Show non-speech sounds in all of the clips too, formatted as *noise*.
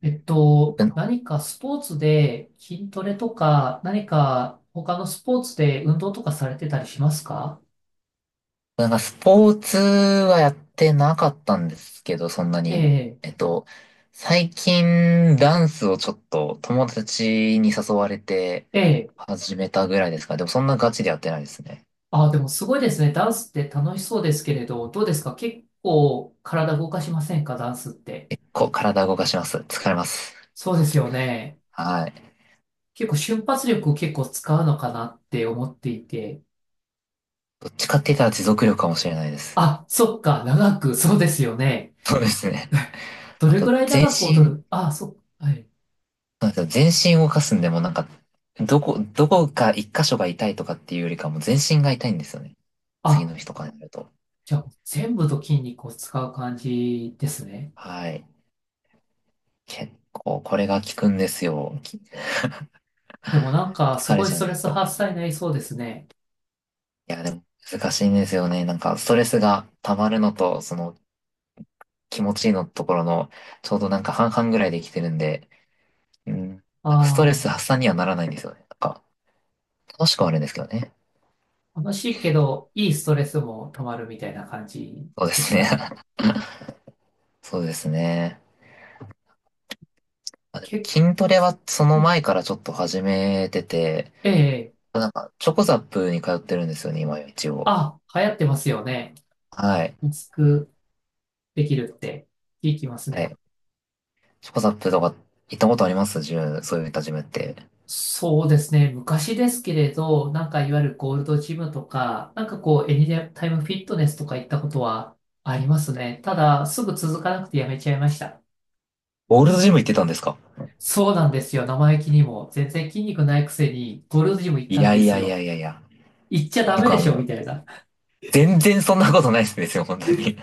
僕、何かスポーツで筋トレとか、何か他のスポーツで運動とかされてたりしますか？なんかスポーツはやってなかったんですけど、そんなえに。え、えっと、最近ダンスをちょっと友達に誘われてええ。始めたぐらいですか。でもそんなガチでやってないですね。あ、でもすごいですね。ダンスって楽しそうですけれど、どうですか？結構体動かしませんか、ダンスって？結構体動かします。疲れます。そうですよね。はい。結構瞬発力を結構使うのかなって思っていて。どっちかって言ったら持続力かもしれないです。あ、そっか。長く、そうですよね。そうですね。どあれと、ぐらい全長く踊身、る？あ、そっか。はい。そうなんですよ。全身動かすんでもなんか、どこか一箇所が痛いとかっていうよりかも全身が痛いんですよね。次あ、の日とかになると。じゃあ全部の筋肉を使う感じですね。はい。結構、これが効くんですよ。でもなんか、す疲れごいちスゃうトんレですスよ発ね。散になりそうですね。いや、でも難しいんですよね。なんか、ストレスが溜まるのと、その気持ちいいのところの、ちょうどなんか半々ぐらいできてるんで、うん、ストレスあ発散にはならないんですよね。なんか、楽しくはあるんですけどね。あ、楽しいけど、いいストレスも溜まるみたいな感じそうでですすかね。ね。*laughs* そうですね。結筋トレはその構、前からちょっと始めてて、ええ。なんか、チョコザップに通ってるんですよね、今一応。あ、流行ってますよね。はい。安くできるって聞きますはね。い、チョコザップとか行ったことありますジム、そういったジムって。そうですね。昔ですけれど、なんかいわゆるゴールドジムとか、なんかこう、エニタイムフィットネスとか行ったことはありますね。ただ、すぐ続かなくてやめちゃいました。オールドジム行ってたんですか。そうなんですよ。生意気にも。全然筋肉ないくせに、ゴールドジム行っいたんやでいすやいやよ。いやいや。行っちゃ筋ダメ肉ではしょ、もみう、たいな。全然そんなことないですよ、*laughs* 本当に。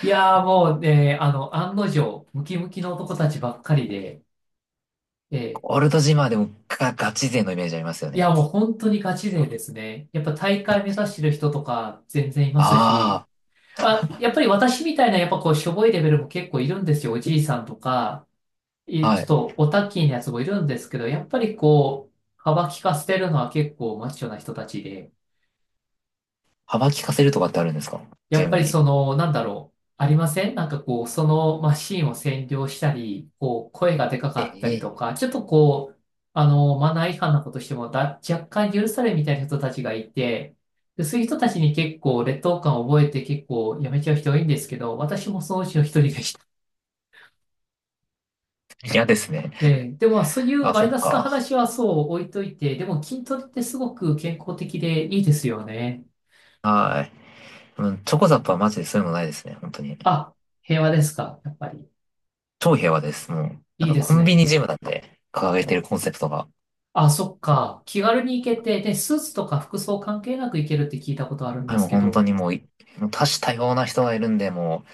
いやーもうね、案の定、ムキムキの男たちばっかりで、ええ。オールドジムはでもガチ勢のイメージありますよいやね。もう本当にガチ勢ですね。やっぱ大会目指してる人とか全然いますし、ああ、やっぱり私みたいなやっぱこう、しょぼいレベルも結構いるんですよ。おじいさんとか、あ、いちはょっい。とオタッキーなやつもいるんですけど、やっぱりこう、幅利かせてるのは結構マッチョな人たちで、幅利かせるとかってあるんですか、やジっムぱりそに。の、なんだろう、ありませんなんかこう、そのマシンを占領したり、こう、声がでかかえったりえ、とか、ちょっとこう、マナー違反なことしてもだ、若干許されるみたいな人たちがいて、で、そういう人たちに結構劣等感を覚えて結構やめちゃう人多いんですけど、私もそのうちの一人でした。嫌ですね。で、でもまあそういうあ、マそイっナスなか。話はそう置いといて、でも筋トレってすごく健康的でいいですよね。はい。うん、チョコザップはマジでそういうのないですね、本当に。あ、平和ですか、やっぱり？超平和です、もう。ないいんかでコすンビニね。ジムだって掲げてるコンセプトが。あ、そっか。気軽に行けて、で、スーツとか服装関係なく行けるって聞いたことあるんはでい、もすうけ本当ど。にもう多種多様な人がいるんで、も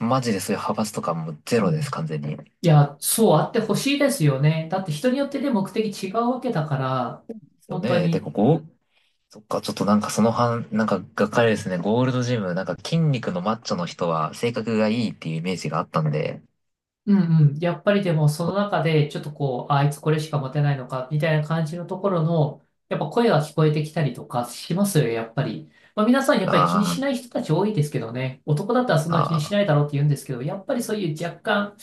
う、マジでそういう派閥とかもゼうロです、ん。完全に。でいや、そうあってほしいですよね。だって人によってね、目的違うわけだから、すよ本当ね。で、に。ここ、そっか、ちょっとなんかそのなんかがっかりですね。ゴールドジム、なんか筋肉のマッチョの人は性格がいいっていうイメージがあったんで、うんうん。やっぱりでもその中で、ちょっとこう、ああいつこれしか持てないのか、みたいな感じのところの、やっぱ声が聞こえてきたりとかしますよ、やっぱり。まあ皆さんやっぱり気にしあないー、人たち多いですけどね。男だったらそんな気にしあないだろうって言うんですけど、やっぱりそういう若干、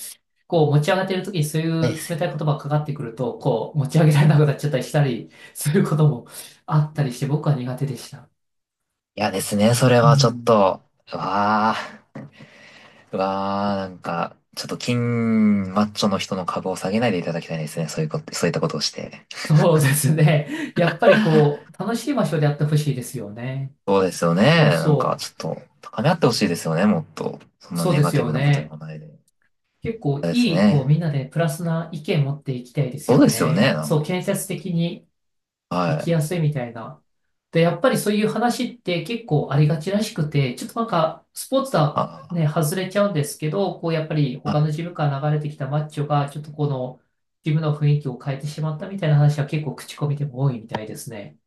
こう持ち上がっている時にそういー、でうす冷たいね。言葉がかかってくると、こう持ち上げられなくなっちゃったりしたりすることもあったりして、僕は苦手でした。いやですね、それうはちょっん。と、うわー、うわー、なんか、ちょっと筋マッチョの人の株を下げないでいただきたいですね。そういうこと、そういったことをして。そうですね。やっぱりこう、楽しい場所でやってほしいですよね。そうですよね。そうなんか、そう。ちょっと、高め合ってほしいですよね、もっと。そんなそうネでガすティよブなこと言ね。わないで。結構嫌ですいい、こね。うみんなでプラスな意見持っていきたいですそうよですよね、ね。なんそう、か。建設的に生はきい。やすいみたいな。で、やっぱりそういう話って結構ありがちらしくて、ちょっとなんか、スポーツとはあ、ね、外れちゃうんですけど、こう、やっぱりは他い。のジムから流れてきたマッチョが、ちょっとこの、ジムの雰囲気を変えてしまったみたいな話は結構口コミでも多いみたいですね。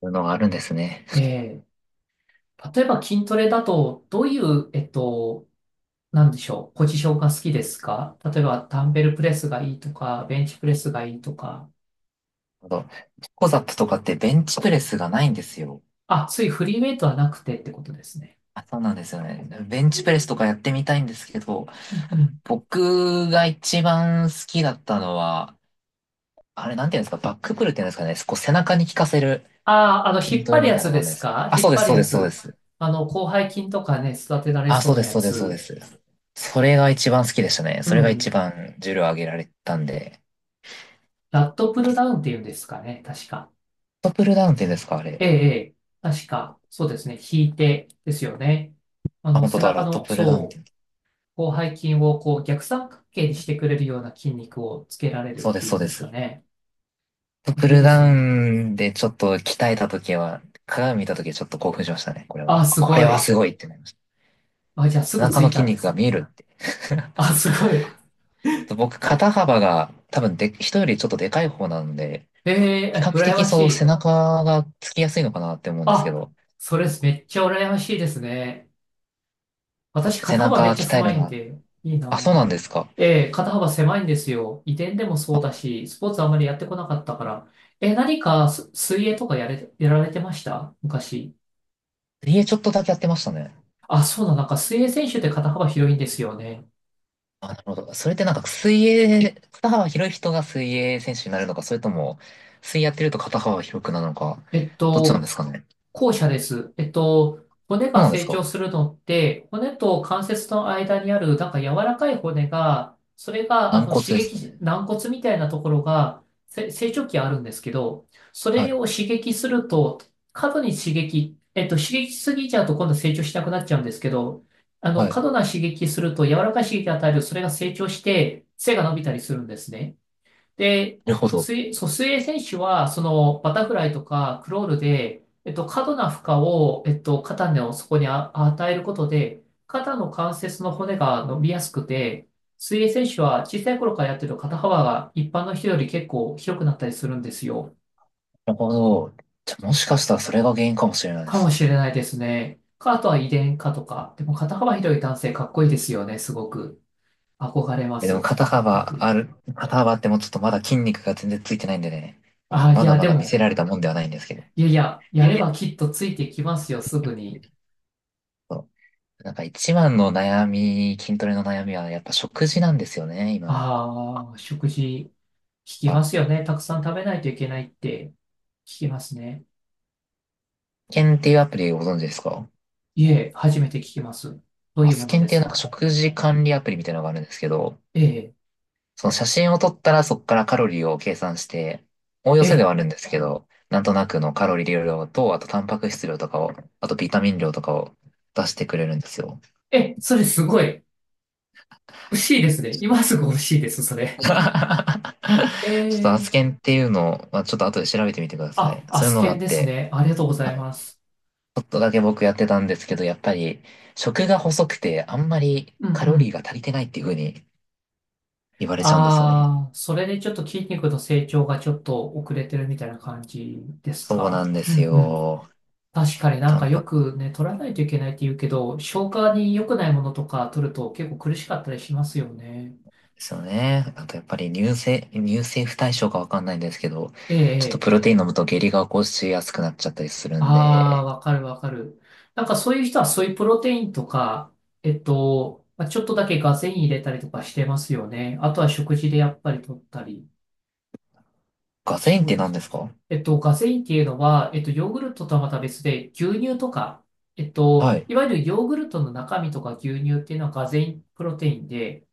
そういうのがあるんですね。え例えば筋トレだと、どういう、なんでしょう、ポジションが好きですか？例えば、ダンベルプレスがいいとか、ベンチプレスがいいとか、あと、ピコザップとかってベンチプレスがないんですよ。あ、そういうフリーウェイトはなくてってことですね。あ、そうなんですよね。ベンチプレスとかやってみたいんですけど、うんうん。僕が一番好きだったのは、あれなんていうんですか、バックプルっていうんですかね、こう背中に効かせるああ、筋引っト張レるみやたいなつのがであるんですすけど。か？あ、引そうっです、張るそうやです、そうでつ。す。広背筋とかね、育てられあ、そそううなです、やそうです、そうでつ。す。それが一番好きでしたね。うそれが一ん。番重量上げられたんで。ラットプルダウンっていうんですかね、確か。ラットプルダウンって言うんですか、あえれ。え、ええ、確か。そうですね。引いてですよね。あ、本当背だ、中ラットの、プルダウンってそ言うんだ。う、広背筋をこう逆三角形にしてくれるような筋肉をつけられるっそうでてす、いうそうんでですす。かラッね。トあプれいいルですダよウね。ンでちょっと鍛えた時は、鏡見た時ちょっと興奮しましたね、これは。あ、すこれごはい。すごいってなりました。あ、じゃあす背ぐ中ついの筋たんで肉すが見えね。るって。ちあ、すごい。ょっと僕、肩幅が多分で、人よりちょっとでかい方なんで、え比え、較羨的ましそう、背い。中がつきやすいのかなって思うんですけあ、ど、それめっちゃ羨ましいですね。私、背肩幅め中っちゃ鍛え狭るいのんは、で、いいあ、そうなんな。ですか。ええ、肩幅狭いんですよ。遺伝でもそうだし、スポーツあんまりやってこなかったから。え、何かす水泳とかやれ、やられてました昔？家ちょっとだけやってましたね。あ、そうだ、なんか水泳選手って肩幅広いんですよね。あ、なるほど。それってなんか水泳、肩幅広い人が水泳選手になるのか、それとも、水泳やってると肩幅広くなるのか、えっどっちなんと、ですかね。後者です。骨そうがなんです成か。長するのって、骨と関節の間にある、なんか柔らかい骨が、それが、軟骨刺です激かし、ね。軟骨みたいなところが、せ成長期あるんですけど、そはれい。を刺激すると、過度に刺激、刺激しすぎちゃうと今度成長しなくなっちゃうんですけど、はい。過度な刺激すると、柔らかい刺激を与える、それが成長して、背が伸びたりするんですね。で、なるほど。水、そう、水泳選手は、その、バタフライとかクロールで、過度な負荷を、肩のそこにあ与えることで、肩の関節の骨が伸びやすくて、水泳選手は小さい頃からやってると肩幅が一般の人より結構広くなったりするんですよ。なるほど。じゃあ、もしかしたらそれが原因かもしれないでかもすね。しれないですね。か、あとは遺伝かとか。でも肩幅広い男性かっこいいですよね、すごく。憧れまえ、でもす。肩骨幅格。ある、肩幅ってもうちょっとまだ筋肉が全然ついてないんでね。うん、あ、いまだや、までだ見せも、られたもんではないんですけど。いやいや、いややれいや。ばきっとついてきますよ、すぐに。そう。なんか一番の悩み、筋トレの悩みはやっぱ食事なんですよね、今は。ああ、食事、聞きはますい、よね。たくさん食べないといけないって聞きますね。スケンっていうアプリご存知ですか。いえ、初めて聞きます。どうあ、アいうもスのケンっでてすいうなんかか？食事管理アプリみたいなのがあるんですけど、えその写真を撮ったらそこからカロリーを計算して、おおえ、よせでえ、はあるんですけど、なんとなくのカロリー量と、あとタンパク質量とかを、あとビタミン量とかを出してくれるんですよ。え、それすごい。欲しいですね。今すぐ欲しいです、そ *laughs* れ。ちょえっとアスえ、ケンっていうのを、まあ、ちょっと後で調べてみてくださあ、い。アそういうスのケがあンっですて、ね。ありがとうございはい、ちます。ょっとだけ僕やってたんですけど、やっぱり食が細くてあんまりうんカうロリーん。が足りてないっていう風に言われちゃうんですよね。ああ、それでちょっと筋肉の成長がちょっと遅れてるみたいな感じですそうなか？んでうすん。よ。確かになんタかンよパクくね、取らないといけないって言うけど、消化に良くないものとか取ると結構苦しかったりしますよね。質ですよね。あとやっぱり乳製不対症かわかんないんですけど、ええ、ちょえっとプロえ。テイン飲むと下痢が起こしやすくなっちゃったりするんああ、で、わかるわかる。なんかそういう人はそういうプロテインとか、まあちょっとだけガゼイン入れたりとかしてますよね。あとは食事でやっぱり取ったり。ガゼインっそうてで何す。ですか。ガゼインっていうのは、ヨーグルトとはまた別で、牛乳とか、はい。いわゆるヨーグルトの中身とか牛乳っていうのはガゼインプロテインで、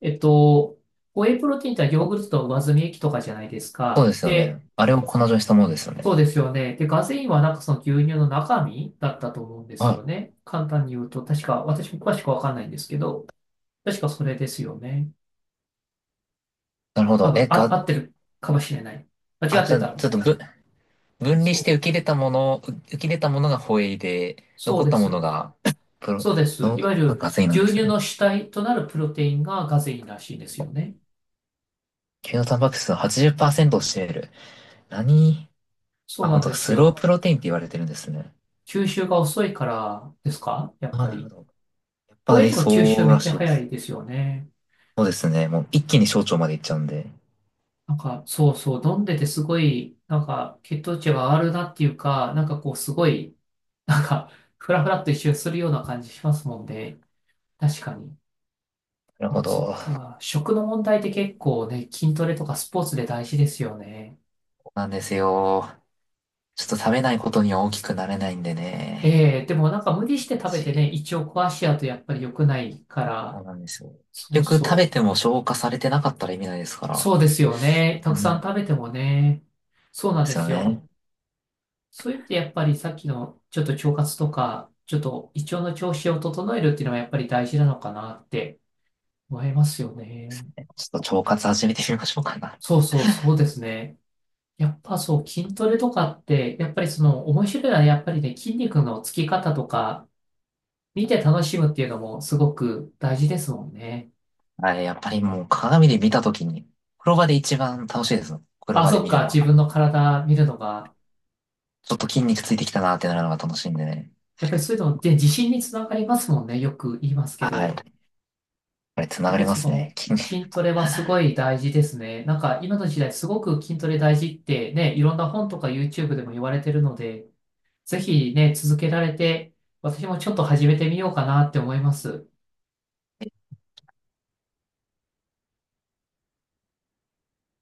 えっと、ホエイプロテインってのはヨあ、ーグルトの上澄み液とかじゃないですそうか。ですよで、ね。あれを粉状にしたものですよね。そうですよね。で、ガゼインはなんかその牛乳の中身だったと思うんですはよい。ね。簡単に言うと、確か、私も詳しくわかんないんですけど、確かそれですよね。なるほ多ど。分、あ、合ってるかもしれない。間あ、違っじてゃあ、たら、ちょっとぶ、分離そしてう、受け入れたもの、受け入れたものがホエイで、そう残っでたものす。が、プロ、そうです。いわゆがるガゼインなん牛です乳ね。の主体となるプロテインがガゼインらしいですよね。牛のタンパク質の80%を占める。何そうあ、本なん当でだすスローよ。プロテインって言われてるんですね。吸収が遅いからですか、やっああ、ぱなるほり？ど。やっホぱエり、イえとか吸収そうめっらちしゃいで早す。いですよね。そうですね。もう一気に小腸まで行っちゃうんで。なんか、そうそう、飲んでてすごい、なんか、血糖値が上がるなっていうか、なんかこう、すごい、なんか、ふらふらっと一瞬するような感じしますもんね。確かに。なるでほもそっど。そか、食の問題って結構ね、筋トレとかスポーツで大事ですよね。うなんですよ。ちょっと食べないことには大きくなれないんでね。ええ。でもなんか無理して食べてし、ね、胃腸壊しちゃうとやっぱり良くないかそうら、なんですよ。そう結局食そべう。ても消化されてなかったら意味ないですかそうら。ですよね。たうくさん。んそ食べてもね。そううなんなでんですよすよ。ね。そういう意味でやっぱりさっきのちょっと腸活とか、ちょっと胃腸の調子を整えるっていうのはやっぱり大事なのかなって思いますよね。ちょっと腸活始めてみましょうかな。そうそうそうですね。やっぱそう筋トレとかって、やっぱりその面白いのはやっぱりね、筋肉のつき方とか見て楽しむっていうのもすごく大事ですもんね。はい、やっぱりもう鏡で見たときに、風呂場で一番楽しいです。風呂あ、場でそっ見るか、の自は。分の体見るのが、ちょっと筋肉ついてきたなってなるのが楽しいんでね。やっぱりそういうのって自信につながりますもんね。よく言いますけはど。い。これ繋やっがぱりりまそすね。の筋筋トレはすごい大事ですね。なんか今の時代すごく筋トレ大事ってね、いろんな本とか YouTube でも言われてるので、ぜひね、続けられて、私もちょっと始めてみようかなって思います。